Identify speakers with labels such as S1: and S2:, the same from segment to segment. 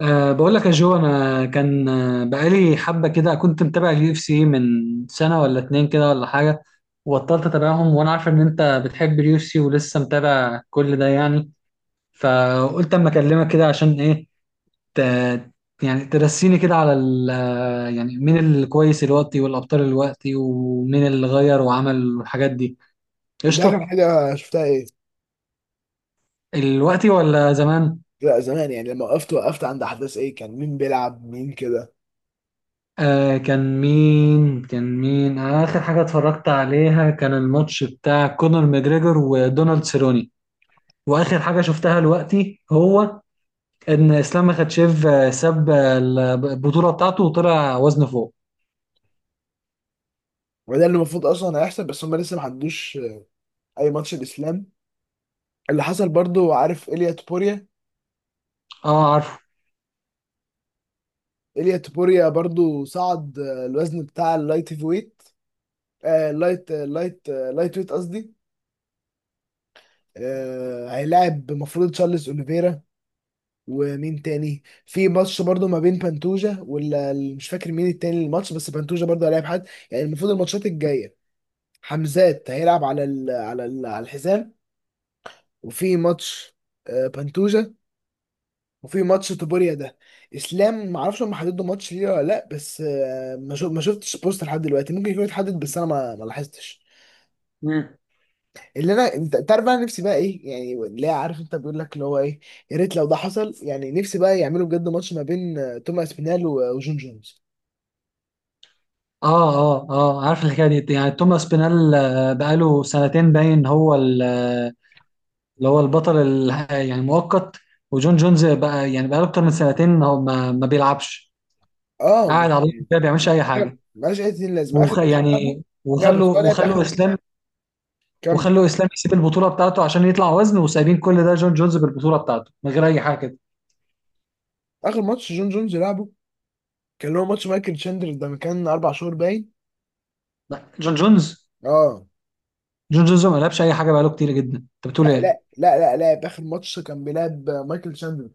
S1: بقول لك يا جو انا كان بقالي حبه كده كنت متابع اليو اف سي من سنه ولا اتنين كده ولا حاجه. وبطلت اتابعهم وانا عارف ان انت بتحب اليو اف سي ولسه متابع كل ده، يعني فقلت اما اكلمك كده عشان ايه. ت... يعني ترسيني كده على ال... آه، يعني مين الكويس الوقتي والابطال الوقتي ومين اللي غير وعمل الحاجات دي.
S2: انت اخر
S1: قشطه.
S2: حاجه شفتها ايه؟
S1: الوقتي ولا زمان؟
S2: لا زمان، يعني لما وقفت عند احداث ايه، كان مين بيلعب مين كده.
S1: آه، كان مين آخر حاجة اتفرجت عليها كان الماتش بتاع كونر ماجريجور ودونالد سيروني. وآخر حاجة شفتها دلوقتي هو إن إسلام مخاتشيف ساب البطولة بتاعته وطلع وزنه فوق.
S2: وده اللي المفروض اصلا هيحصل بس هم لسه ما عندوش اي ماتش الاسلام. اللي حصل برضو، عارف إيليا تبوريا؟
S1: اه، عارفه.
S2: إيليا تبوريا برضو صعد الوزن بتاع اللايت هيفي ويت. اللايت ويت قصدي. هيلاعب المفروض تشارلز اوليفيرا. ومين تاني في ماتش برضو ما بين بانتوجا ولا مش فاكر مين التاني الماتش، بس بانتوجا برضو هيلاعب حد يعني. المفروض الماتشات الجايه، حمزات هيلعب على الحزام. وفي ماتش بنتوجا، وفي ماتش توبوريا ده. اسلام ما اعرفش هم حددوا ماتش ليه ولا لا، بس ما شفتش بوست لحد دلوقتي. ممكن يكون اتحدد بس انا ما لاحظتش.
S1: مم.
S2: اللي انا، انت تعرف انا نفسي بقى ايه، يعني اللي هي، عارف انت بيقول لك اللي هو ايه، يا ريت لو ده حصل. يعني نفسي بقى يعملوا بجد ماتش ما بين توماس بينال و- آه، وجون جونز.
S1: اه، عارف الحكاية دي، يعني توماس بينال بقاله سنتين باين، هو اللي هو البطل يعني مؤقت. وجون جونز بقى يعني بقاله أكتر من سنتين هو ما بيلعبش،
S2: اه
S1: قاعد
S2: مش،
S1: على طول كده ما بيعملش أي حاجة.
S2: ملهاش اي لازمه اخر ماتش لعبه.
S1: يعني
S2: لا بس
S1: وخلوا
S2: هو لعب اخر،
S1: وخلوا اسلام،
S2: كمل.
S1: وخلوا اسلام يسيب البطوله بتاعته عشان يطلع وزن، وسايبين كل ده جون جونز بالبطوله بتاعته من غير اي حاجه كده.
S2: اخر ماتش جون جونز لعبه كان اللي هو ماتش مايكل تشاندلر ده، من كان 4 شهور باين.
S1: لا، جون جونز،
S2: اه.
S1: جون جونز ما لعبش اي حاجه بقاله كتير جدا، انت بتقول
S2: لا
S1: ايه؟
S2: لا لا لا لا اخر ماتش كان بيلعب مايكل تشاندلر.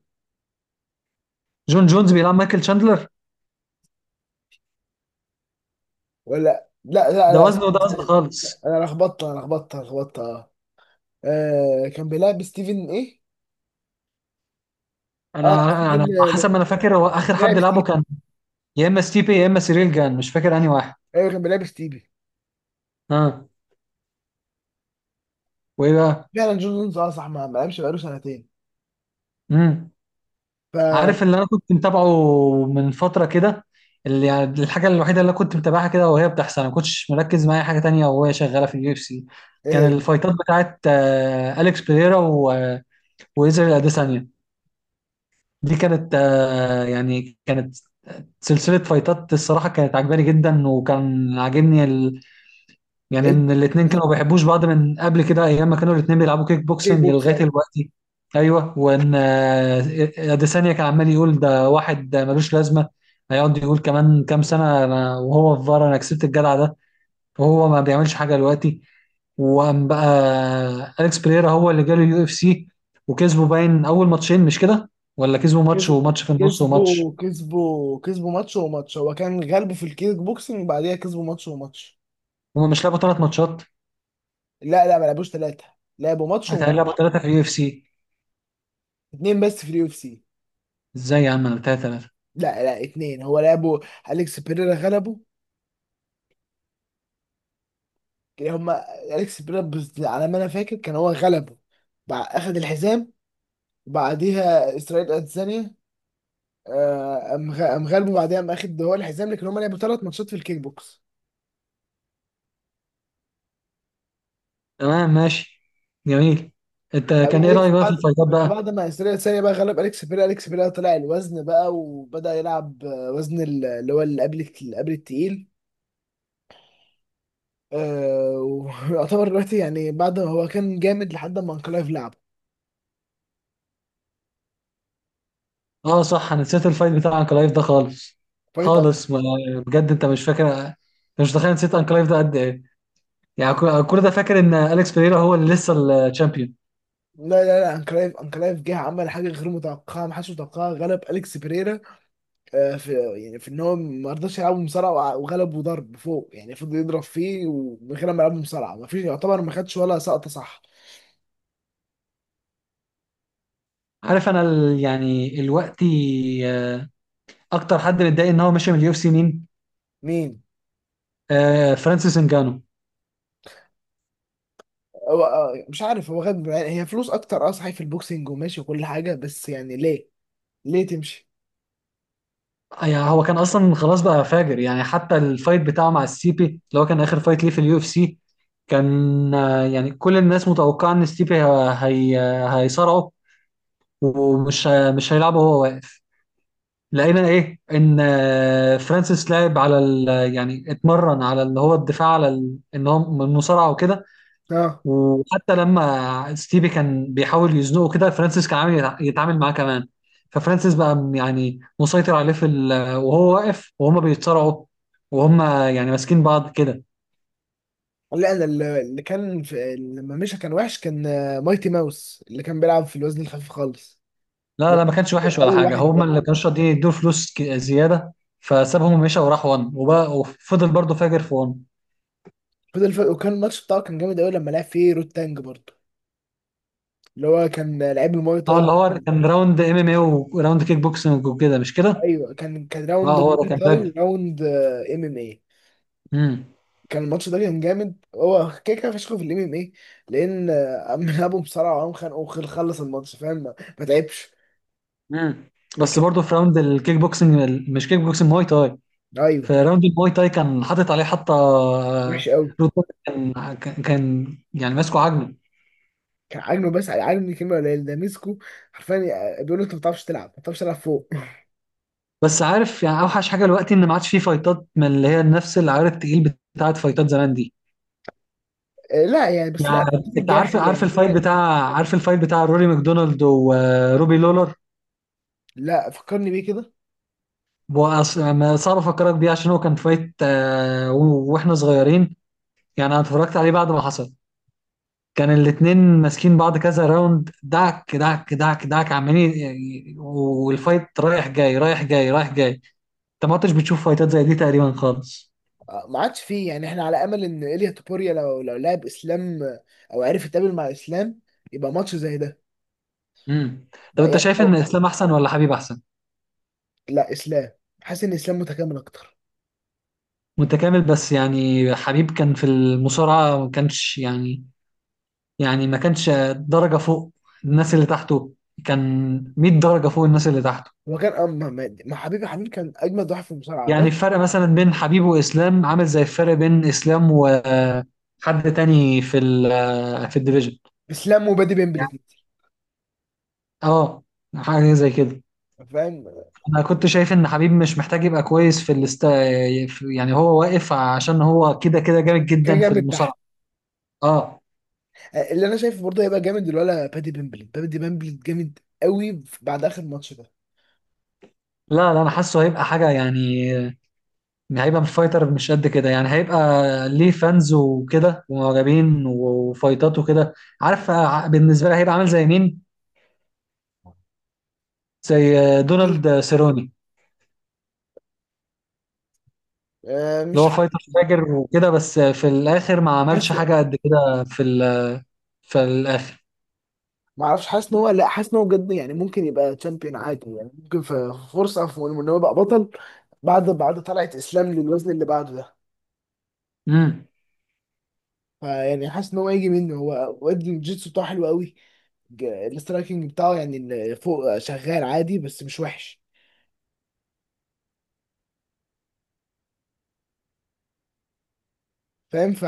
S1: جون جونز بيلعب مايكل شاندلر؟
S2: ولا لا لا
S1: ده
S2: لا،
S1: وزنه
S2: استنى
S1: وده وزن
S2: استنى.
S1: خالص.
S2: انا لخبطت انا لخبطت أنا لخبطت اه. كان بيلعب ستيفن، ايه؟ اه ستيفن
S1: انا حسب
S2: كان
S1: ما انا فاكر هو اخر
S2: بيلعب
S1: حد لعبه
S2: ستيفن.
S1: كان يا اما ستيبي يا اما سيريل جان، مش فاكر انهي واحد.
S2: ايوه كان بيلعب ستيفن.
S1: ها. وايه بقى؟
S2: فعلا جون جونز اه صح، ما لعبش بقاله سنتين.
S1: امم
S2: فا،
S1: عارف اللي انا كنت متابعه من فتره كده، اللي يعني الحاجه الوحيده اللي أنا كنت متابعها كده وهي بتحصل، انا ما كنتش مركز مع اي حاجه تانية وهي شغاله في اليو اف سي، كان
S2: ايه
S1: الفايتات بتاعت اليكس بيريرا وإيزرايل اديسانيا. دي كانت يعني كانت سلسله فايتات الصراحه كانت عجباني جدا، وكان عاجبني يعني
S2: ال-
S1: ان الاتنين
S2: ال-
S1: كانوا ما بيحبوش بعض من قبل كده، ايام ما كانوا الاتنين بيلعبوا كيك
S2: الكيك
S1: بوكسنج
S2: بوكس
S1: لغايه
S2: يعني.
S1: دلوقتي. ايوه، وان اديسانيا كان عمال يقول ده واحد ده ملوش لازمه، هيقعد يقول كمان كام سنه أنا وهو في فار انا كسبت الجدع ده، وهو ما بيعملش حاجه دلوقتي. وقام بقى اليكس بريرا هو اللي جاله اليو اف سي، وكسبوا باين اول ماتشين، مش كده؟ ولا كسبوا ماتش
S2: كسب،
S1: وماتش في النص وماتش.
S2: كسبوا ماتش وماتش، هو كان غلبه في الكيك بوكسنج، بعديها كسبوا ماتش وماتش.
S1: هما مش لعبوا ثلاث ماتشات؟
S2: لا لا ما لعبوش 3، لعبوا ماتش
S1: هيتهيألي
S2: وم...
S1: لعبوا ثلاثه في اليو اف سي.
S2: اتنين بس في اليو اف سي.
S1: ازاي يا عم، ثلاثه.
S2: لا لا، 2 هو لعبوا. أليكس بيريرا غلبه. كان هما أليكس بيريرا على ما أنا فاكر كان هو غلبه. أخد الحزام، وبعديها إسرائيل أديسانيا، أم غلبه، بعديها أم أخد هو الحزام. لكن هما لعبوا 3 ماتشات في الكيك بوكس.
S1: تمام ماشي. جميل. انت
S2: بعدين
S1: كان ايه
S2: أليكس
S1: رايك بقى في
S2: بعد
S1: الفايتات بقى؟
S2: بعد ما إسرائيل أديسانيا بقى غلب أليكس بيريرا، أليكس بيريرا طلع الوزن بقى وبدأ يلعب وزن اللي هو اللي قبل التقيل. آه، ويعتبر دلوقتي يعني بعد ما هو كان جامد لحد ما انكلايف لعبه.
S1: اه صح، انا نسيت الفايت بتاع انكلايف ده خالص،
S2: فايت أن...
S1: خالص. ما بجد انت مش فاكر، انت مش متخيل نسيت انكلايف ده قد ايه، يعني
S2: أنك-
S1: كل ده فاكر ان اليكس بيريرا هو اللي لسه الشامبيون.
S2: لا لا لا، انكلايف، انكلايف جه عمل حاجه غير متوقعه ما حدش متوقعها، غلب اليكس بيريرا. آه، في يعني في ان هو ما رضاش يلعبه مصارعه، وع- وغلبه ضرب فوق. يعني فضل يضرب فيه ومن غير ما يلعبه مصارعه. ما فيش يعتبر ما خدش ولا سقطه، صح.
S1: عارف انا يعني الوقت آه، اكتر حد متضايق ان هو ماشي من اليو اف سي مين؟
S2: مين؟
S1: آه، فرانسيس انجانو.
S2: هو مش عارف هو غد. يعني هي فلوس اكتر اه صحيح في البوكسينج وماشي وكل حاجه، بس يعني ليه؟ ليه تمشي؟
S1: يعني هو كان اصلا خلاص بقى فاجر، يعني حتى الفايت بتاعه مع السيبي اللي هو كان اخر فايت ليه في اليو اف سي كان، يعني كل الناس متوقعه ان ستيبي هيصارعه ومش مش هيلعبه وهو واقف. لقينا ايه ان فرانسيس لعب على ال، يعني اتمرن على اللي هو الدفاع على ان هو من المصارعه وكده.
S2: اه
S1: وحتى لما ستيفي كان بيحاول يزنقه كده فرانسيس كان عامل يتعامل معاه كمان. ففرانسيس بقى يعني مسيطر عليه في ال... وهو واقف وهما بيتصارعوا، وهما يعني ماسكين بعض كده.
S2: لا، انا اللي كان، في لما مشى كان وحش، كان مايتي ماوس اللي كان بيلعب في الوزن الخفيف خالص.
S1: لا
S2: اللي
S1: لا، ما كانش
S2: هو
S1: وحش ولا
S2: اول
S1: حاجه،
S2: واحد
S1: هما
S2: ده،
S1: اللي كانوا راضيين يدوا فلوس زياده، فسابهم ومشى وراح وان، وبقى وفضل برضه فاجر في وان.
S2: فضل فرق. وكان الماتش بتاعه كان جامد قوي لما لعب فيه رود تانج برضه، اللي هو كان لعيب الماي
S1: اه، اللي
S2: تاي.
S1: هو كان راوند ام ام اي وراوند كيك بوكسنج وكده، مش كده؟
S2: ايوه كان راوند
S1: اه، هو ده
S2: ماي
S1: كان
S2: تاي
S1: فاجر.
S2: وراوند ام ام اي.
S1: امم
S2: كان الماتش ده كان جامد. هو كده كده فشخه في الام ام اي، لان قام لعبه بسرعه وقام خانقه وخلص الماتش، فاهم؟ ما تعبش.
S1: امم
S2: لكن،
S1: بس برضه في راوند الكيك بوكسنج، مش كيك بوكسنج، مواي تاي.
S2: ايوه،
S1: في راوند المواي تاي كان حاطط عليه حتى
S2: وحش قوي.
S1: رود داك، كان يعني ماسكه عاجله.
S2: كان عاجبني، بس عاجبني كلمه قليل ده، مسكه حرفيا. يعني بيقول له انت ما بتعرفش تلعب، ما بتعرفش تلعب فوق.
S1: بس عارف، يعني اوحش حاجه دلوقتي ان ما عادش فيه فايتات من اللي هي نفس العيار التقيل بتاعت فايتات زمان دي.
S2: لا يعني، بس لا
S1: يعني
S2: الفتره
S1: انت
S2: الجايه
S1: عارف،
S2: حلوه يعني، مثلا.
S1: عارف الفايت بتاع روري ماكدونالد وروبي لولر؟
S2: لا، فكرني بيه كده.
S1: ما صعب افكرك بيه عشان هو كان فايت واحنا صغيرين، يعني انا اتفرجت عليه بعد ما حصل. كان الاتنين ماسكين بعض كذا راوند، دعك عمالين، يعني والفايت رايح جاي. انت ما كنتش بتشوف فايتات زي دي تقريبا خالص.
S2: ما عادش فيه. يعني احنا على امل ان ايليا توبوريا لو لعب اسلام، او عرف يتقابل مع اسلام، يبقى ماتش زي ده
S1: امم. طب
S2: بقى
S1: انت
S2: يعني.
S1: شايف ان
S2: أو
S1: اسلام احسن ولا حبيب احسن؟
S2: لا، اسلام. حاسس ان اسلام متكامل اكتر.
S1: متكامل، بس يعني حبيب كان في المصارعة، ما كانش يعني، يعني ما كانش درجة فوق الناس اللي تحته، كان 100 درجة فوق الناس اللي تحته.
S2: هو كان اه، ما ما- ما حبيبي، كان اجمد واحد في المصارعه
S1: يعني
S2: بس.
S1: الفرق مثلا بين حبيب واسلام عامل زي الفرق بين اسلام وحد تاني في في الديفيجن.
S2: اسلام وبادي بيمبل
S1: يعني
S2: الاتنين.
S1: اه، حاجه زي كده.
S2: فاهم.
S1: انا كنت شايف ان حبيب مش محتاج يبقى كويس في الاست، يعني هو واقف عشان هو كده كده جامد
S2: كان
S1: جدا في
S2: جامد
S1: المصارعه.
S2: تحت.
S1: اه.
S2: اللي انا شايفه برضه هيبقى جامد الولا بادي بامبلي، جامد قوي بعد اخر ماتش ده.
S1: لا لا، انا حاسه هيبقى حاجه، يعني هيبقى فايتر مش قد كده، يعني هيبقى ليه فانز وكده ومعجبين وفايتات وكده. عارف بالنسبه لي هيبقى عامل زي مين؟ زي
S2: أكيد.
S1: دونالد سيروني، اللي
S2: مش
S1: هو
S2: عارف
S1: فايتر فاجر وكده، بس في الاخر ما عملش
S2: بس.
S1: حاجه قد كده في في الاخر.
S2: ما اعرفش، حاسس ان هو، لا حاسس ان هو بجد يعني ممكن يبقى تشامبيون عادي. يعني ممكن في فرصه في ان هو يبقى بطل بعد طلعت اسلام للوزن اللي بعده ده.
S1: امم
S2: فيعني حاسس ان هو هيجي منه. هو واد الجيتسو بتاعه حلو قوي. الاسترايكنج بتاعه، يعني فوق شغال عادي بس مش وحش، فاهم؟ ف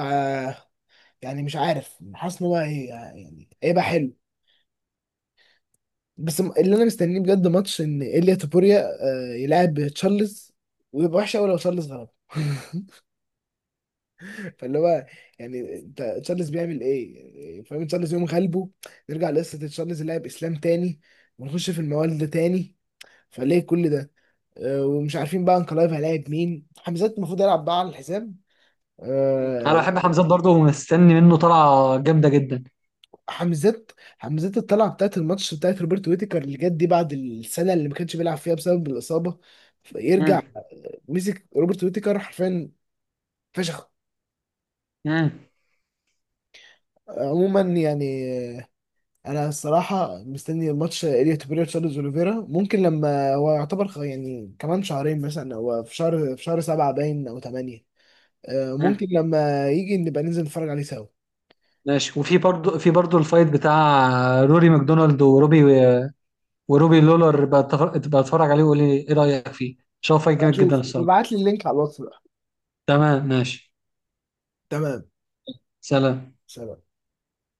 S2: يعني مش عارف، حاسس ان يعني هيبقى حلو. بس اللي انا مستنيه بجد ماتش ان ايليا تابوريا يلعب تشارلز. ويبقى وحش قوي لو تشارلز غلب فاللي هو، يعني انت، تشارلز بيعمل ايه؟ يعني فاهم، تشارلز يوم غلبه، نرجع لقصه تشارلز لاعب اسلام تاني، ونخش في الموال ده تاني، فليه كل ده؟ ومش عارفين بقى انكلايف هيلاعب مين. حمزات المفروض يلعب بقى على الحساب.
S1: مم. انا
S2: آه،
S1: بحب حمزات برضه ومستني منه طلعه جامده جدا.
S2: حمزات حمزات الطلعه بتاعت الماتش بتاعت روبرت ويتيكر اللي جت دي بعد السنه اللي ما كانش بيلعب فيها بسبب الاصابه،
S1: مم.
S2: يرجع مسك روبرت ويتيكر حرفيا فشخ.
S1: مم.
S2: عموما يعني انا الصراحه مستني ماتش اليوت بيريرا تشارلز اوليفيرا. ممكن لما هو يعتبر يعني كمان شهرين مثلا، او في شهر، في شهر 7 باين او 8، ممكن
S1: مم.
S2: لما يجي نبقى ننزل نتفرج عليه سوا.
S1: ماشي. وفي برضه، في برضه الفايت بتاع روري ماكدونالد وروبي لولر بقى، اتفرج عليه وقول لي ايه رايك فيه، شوف فايت جامد جدا
S2: اشوف،
S1: الصراحه.
S2: ابعت لي اللينك على الواتس بقى.
S1: تمام ماشي.
S2: تمام.
S1: سلام.
S2: سلام.